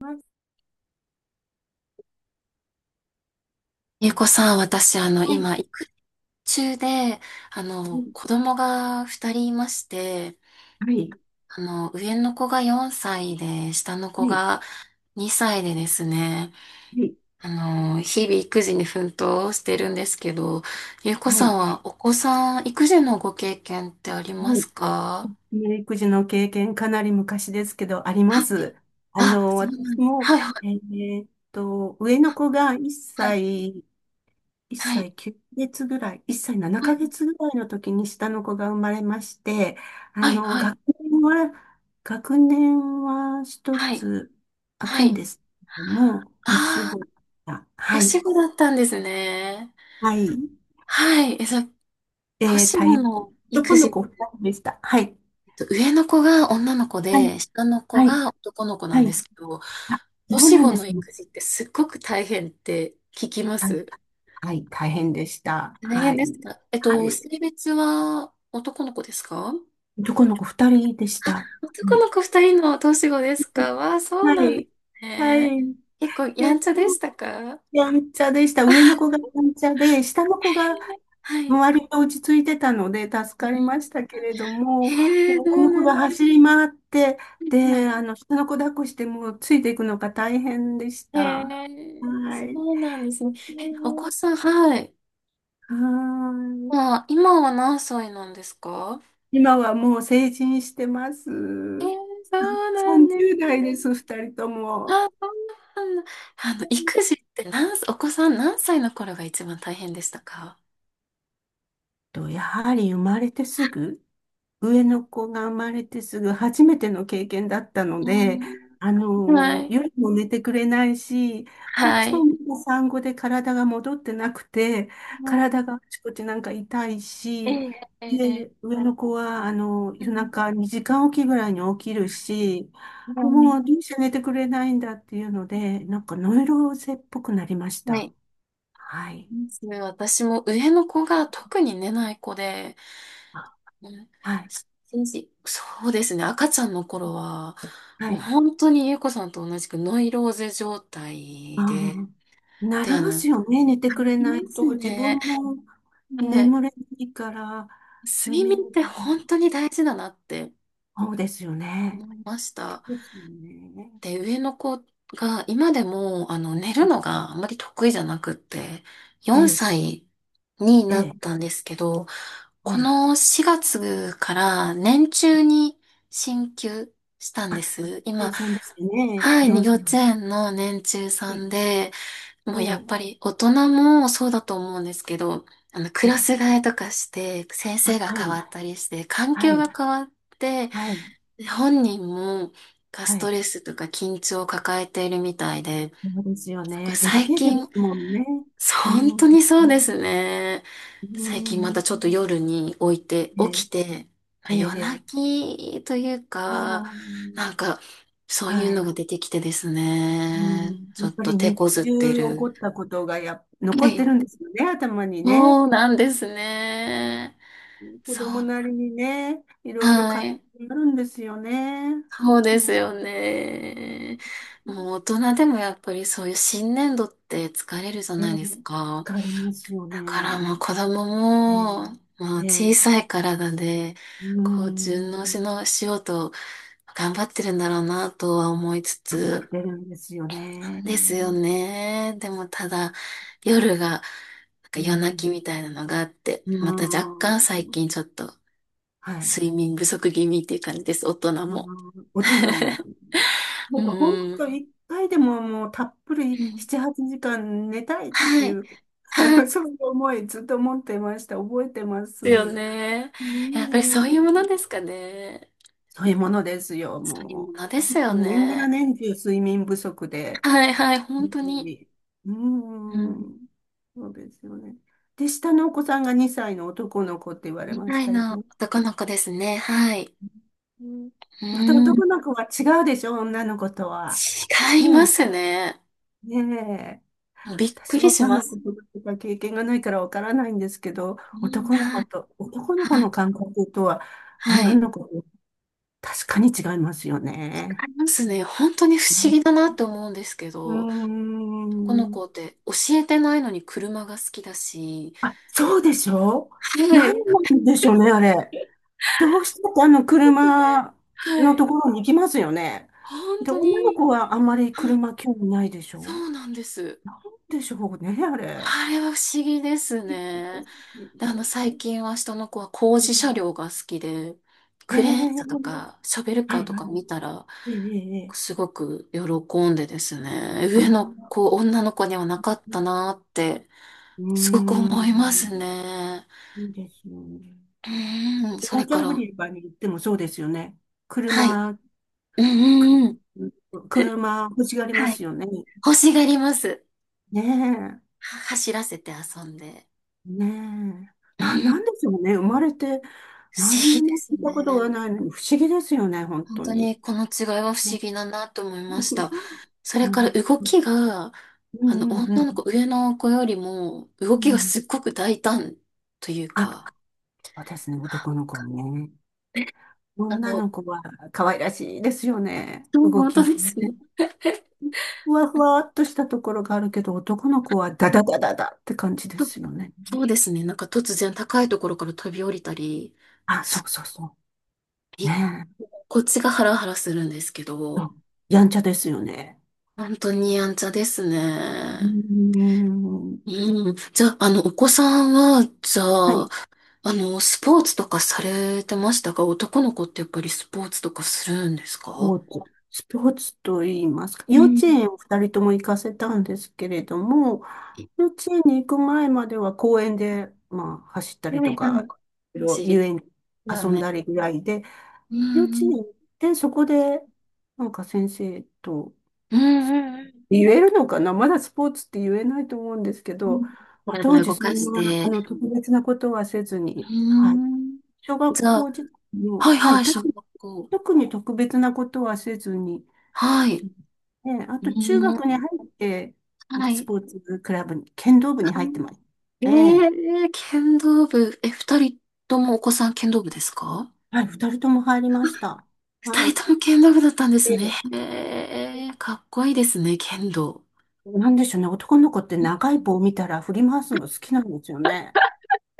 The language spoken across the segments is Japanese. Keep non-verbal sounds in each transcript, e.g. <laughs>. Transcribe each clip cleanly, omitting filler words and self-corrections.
はい。ゆうこさん、私、は今、育中で、い。子供が二人いまして、はい。上の子が4歳で、下の子はい。が2歳でですね、あ日々育児に奮闘してるんですけど、ゆうこはい。さはんい。はお子さん、育児のご経験ってありますか？育児の経験、かなり昔ですけど、ありまはい。す。あ、そうな私んです。も、はい、上の子が1はい、歳、1はい、歳9ヶ月ぐらい、1歳7はい、ヶ月ぐらいの時に下の子が生まれまして、あはい、の、はい、学年は、学年は一はい、つ開はくんい。ですけども、年ああ子ー、が、は年い。子だったんですね。はい。はい。えー、年大変。の育今度児、こう、お二人でした。はい。上の子が女の子はい。で、下の子はい。が男の子なはんい。ですけど、あ、そう年なん子でのすね。育児ってすっごく大変って聞きまはい。す。はい。大変でした。大は変い。ですか？はい。性別は男の子ですか？あ、どこの子二人でした。は男い。の子二人の年子ですか？わあ、そうはなんでい。すはね。い。結構で、やんちでゃでもしたか？やんちゃでした。上の子がやんちゃで、下の子がはい。割と落ち着いてたので助うかりまん。したけれども、上へえ、のそう子なんがで走り回って、すね。はで、い。あの、下の子抱っこしてもうついていくのが大変でしへた。え、はい。そうなんですね。ええ、お子ー、さん、はい。はーい。あ、今は何歳なんですか？今はもう成人してまえー、す。そうなんです30代です、ね。二人とも。あ、そうなんだ。育児って何歳、お子さん何歳の頃が一番大変でしたか？と、やはり生まれてすぐ、上の子が生まれてすぐ初めての経験だったのうで、ーあん、はのい。夜も寝てくれないし、こっはちもい。まだ産後で体が戻ってなくて、は体があちこちなんか痛いい。えし、えええええ。で、上の子は、あのう夜ん。中2時間おきぐらいに起きるし、はい。もうどうして寝てくれないんだっていうので、なんかノイローゼっぽくなりましはた。い。はい。私も上の子が特に寝ない子で、あ、うん、はい。一日そうですね、赤ちゃんの頃は、はもうい。本当にゆうこさんと同じくノイローゼ状あ態で、あ、なてりあまの、すよね。寝てあくれりなまいすと。自ね。分もはい。眠れないから、睡睡眠眠ってとかも。本当に大事だなってそうですよね。思いましそうた。ですよね。で、上の子が今でも、寝るのがあんまり得意じゃなくって、え4え、歳にえなっえ、たんですけど、はこい。の4月から年中に進級したんです。計今、算ですよね。はい、4幼歳。稚園の年中えさえ、んで、もうやっえぱり大人もそうだと思うんですけど、クえ、ラええ、ス替えとかして、先生あ、がは変わい、ったりして、環は境がい、変わって、はい、本人もがスはトい。レスとか緊張を抱えているみたいで、そうですよなんかね。デリ最ケートで近、すもんね。うん、本う当ん、にそうですね。う最近またん、ちょっと夜に置いて、え起え、きて、まあええ、夜え泣え、きというあか、あ、なんか、そういうはのい。が出てきてですうね、ん、ちょやっっぱとり手日こずって中起こる。ったことがは残っい。てるんですよね、頭にね。そうなんですね。子そう。供なりにね、いろいろは葛い。藤になるんですよね。そうでうすん、よね。もう大人でもやっぱりそういう新年度って疲れるじゃええ、ないですか。疲れますよだからね。もう子供ええ、も、もうえ小さえ、い体で、うこう順応ん、しようと頑張ってるんだろうなとは思いつ頑張っつ、てるんですよね。ですようね。でもただ、夜が、なんか夜泣ん、きみたいなのがあって、うまた若干最ん、近ちょっとはい。睡眠不足気味っていう感じです、大人うも。ん、大人もね。<laughs> なうんか本ん。当一回でももうたっぷうりん。7、8時間寝たいってはいい。う、あはのい。そういう思いずっと持ってました。覚えてます。ですよね。うやっぱりそん。ういうものですかね。そういうものですよ、そういうもものですよう。年がらね。年中睡眠不足で。はいはい、本本当当に。に、ううん。ん。そうですよね。で、下のお子さんが2歳の男の子って言われ2ましいたよのね。男の子ですね。はい。うん、うまたん。男の子は違うでしょ、女の子とは。違いうまん。すね。ねえ。びっく私りはし女のま子す。とか経験がないからわからないんですけど、うん、男のは子い。と、男の子はのい。感覚とは、は女い。違の子と確かに違いますよね。いますね。本当に不思議だなって思うんですけうーど。このん。子って教えてないのに車が好きだし、あ、そうでしょ、は何い。なんでしょうね、あれ。どうしてもあのね、車はのとい。ころに行きますよね。本で、当女のに、子はあんまりはい。車興味ないでしそょ、うなんです。なんでしょうね、あれ。あれは不思議ですね。で、最 <laughs> 近は下の子は工う事車ん、両が好きで、へえクレーン車とー、か、ショベルカはーいとはかい。見たら、ええ、ええ、すごく喜んでですね、あ上のあ、子、女の子にはなかったなーって、うーすごくん。思いますね。いいですよね。うーん、それ紅茶か売ら、り場に行ってもそうですよね。はい。車、うんうんうん。く車欲しがりまはい。すよね。欲しがります。ね走らせて遊んで。え、ねうえ。なん。んでしょうね。生まれて不何思に議でもす聞いたことね。がないのに不思議ですよね、本本当当に。にこの違いは不思ね。 議だなと思い <laughs> ました。それうからん動きが、うんうんう女の子、ん。上の子よりも、う動きがん、すっごく大胆というか、あ、そうですね、男の子ね。あ女の、の子は可愛らしいですよね。そう、動本き当もでね。すね。ふわふわっとしたところがあるけど、男の子はダダダダダって感じでとすよね。そうですね。なんか突然高いところから飛び降りたり、あ、そすうそうそう。びねえ。こっちがハラハラするんですけそど、う、やんちゃですよね。本当にやんちゃですうーね。ん。うん。じゃあ、お子さんは、じゃはあ、い。スポーツとかされてましたか？男の子ってやっぱりスポーツとかするんですスか？ポーツ。スポーツと言いますか。う幼稚ん。園を二人とも行かせたんですけれども、幼稚園に行く前までは公園で、まあ、走ったりはといはか、い。いろい知りろ遊園にだ遊んね。だりぐらいで、う幼稚ん園う行ん。ってそこで、なんか先生と、うんうんうん。言えるのかな、まだスポーツって言えないと思うんですけうど、ん。当体を時動そかんしな、あて。の、特別なことはせずうに、はい。ん。小学じゃあ、校時代はも、いははい、い、特小学に、校。特に特別なことはせずに、はい。ね、あうと中学にん。入って、なんはかスい。ポーツクラブに、剣道部にあ、入ってましえた。ええ。ー、剣道部。え、二人ともお子さん剣道部ですか？はい、二人とも入りました。は二い。人とも剣道部だったんですね。で、へえ、かっこいいですね、剣道。なんでしょうね、男の子ってう長いん。棒を見たら振り回すの好きなんですよね。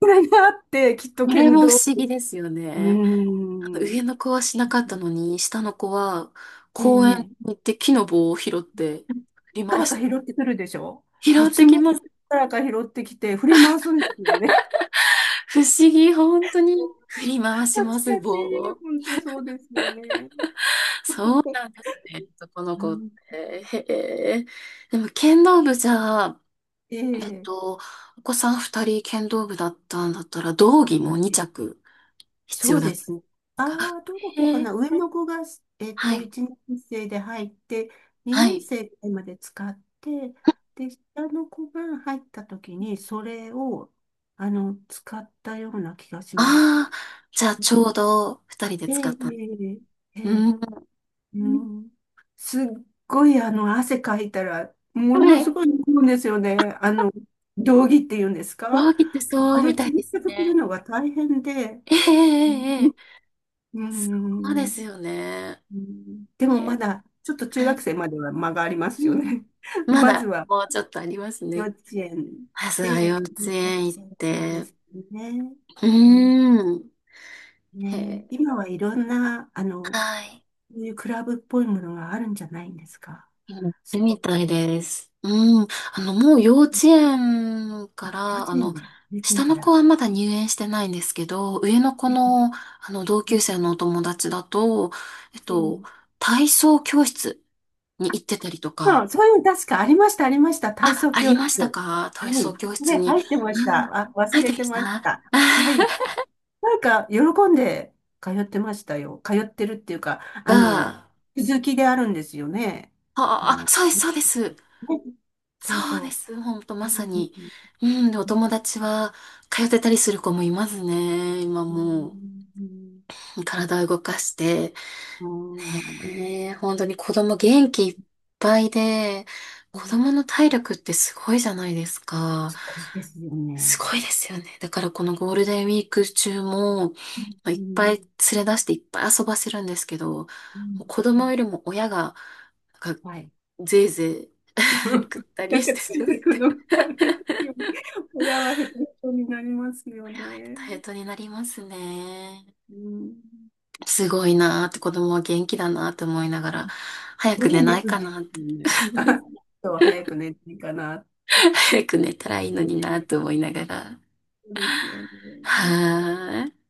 これがあって、きっとこれ剣も不道、思議ですようね。ー上ん。の子はしなかったのに、下の子はえ公園え、に行って木の棒を拾ってどっ振りか回らしかて、拾ってくるでしょ、で、拾いってつきもどまっす。からか拾ってきて振り回すんですよね。不思議、本当に振り回しパまチパす、棒チ、を。本当そうですよね。そうなんですね、男のう子っん、て。へえ。でも剣道部じゃあ、ええっえ、と、お子さん二人剣道部だったんだったら、道着も二ええ、着必そ要うだっでたんですね。すあか？あ、どこかへえ、な。上の子が、えっはと、い、1年生で入って、は2年い。生まで使って、で、下の子が入った時に、それを、あの、使ったような気がします。ああ、じゃあちょうど二人でえ使え、った。ええ、えうえ、ん。ううん。ん。すっごい、あの、汗かいたら、もはのすい。ごい飲むんですよね。あの、道着っていうんですか、上着ってあそうみれ、たい洗です濯するね。のが大変で。ええええええ。うそうでん。うすよね。ん、でへもまえ、だ、ちょっと中は学い。生までは間がありまうすんようん。ね。<laughs> ままずだは、もうちょっとあります幼ね。稚園まずは幼で、稚そ園行っうでて。すね。ううん、ーん。へね、え、今はいろんな、あの、はい。そういうクラブっぽいものがあるんじゃないんですか、やっスてポみーたいツ。です。うん。もう幼稚園かあ、幼ら、稚園で、幼稚園下かの子ら。はまだ入園してないんですけど、上の子え、の、同級生え、のお友達だと、えっえ、と、体操教室に行ってたりとそか、う、そういうの確かありました、ありました。体あ、操あ教りました室。か？は体い。操教室で、に。入ってましうん。た。あ、入忘ってれまてしました。 た。はい。<laughs> なんか、喜んで通ってましたよ。通ってるっていうか、あの、が、続きであるんですよね。ああ、あ、の、そうです、ね、そうです。そうそうでそす。ほんと、う。まうさんうんに。うん。で、おうん友達は、通ってたりする子もいますね、今うもう。ん体を動かして、うんねえ、本当に子供元気いっぱいで、う子ん、供の体力ってすごいじゃないですか。すごいですよすね。ごいですよね。だからこのゴールデンウィーク中も、まうあいん、っぱうい連れ出していっぱい遊ばせるんですけど、もん、う子う供ん。よりも親が、なんか、はい。ぜいぜい <laughs> ぐっ <laughs> たなりんしかてつしいまっていくて。のがこ大変ですよね。親はヘトヘトになりますよれはヘね。トヘトになりますね。うん。すごいなーって子供は元気だなーって思いながら、早すくご寝いね。ないるかんでな。 すよね。<laughs> あ、そう、早く寝ていいかなっ <laughs> 早く寝たらいいのになて。と思いながら。そうですよね。は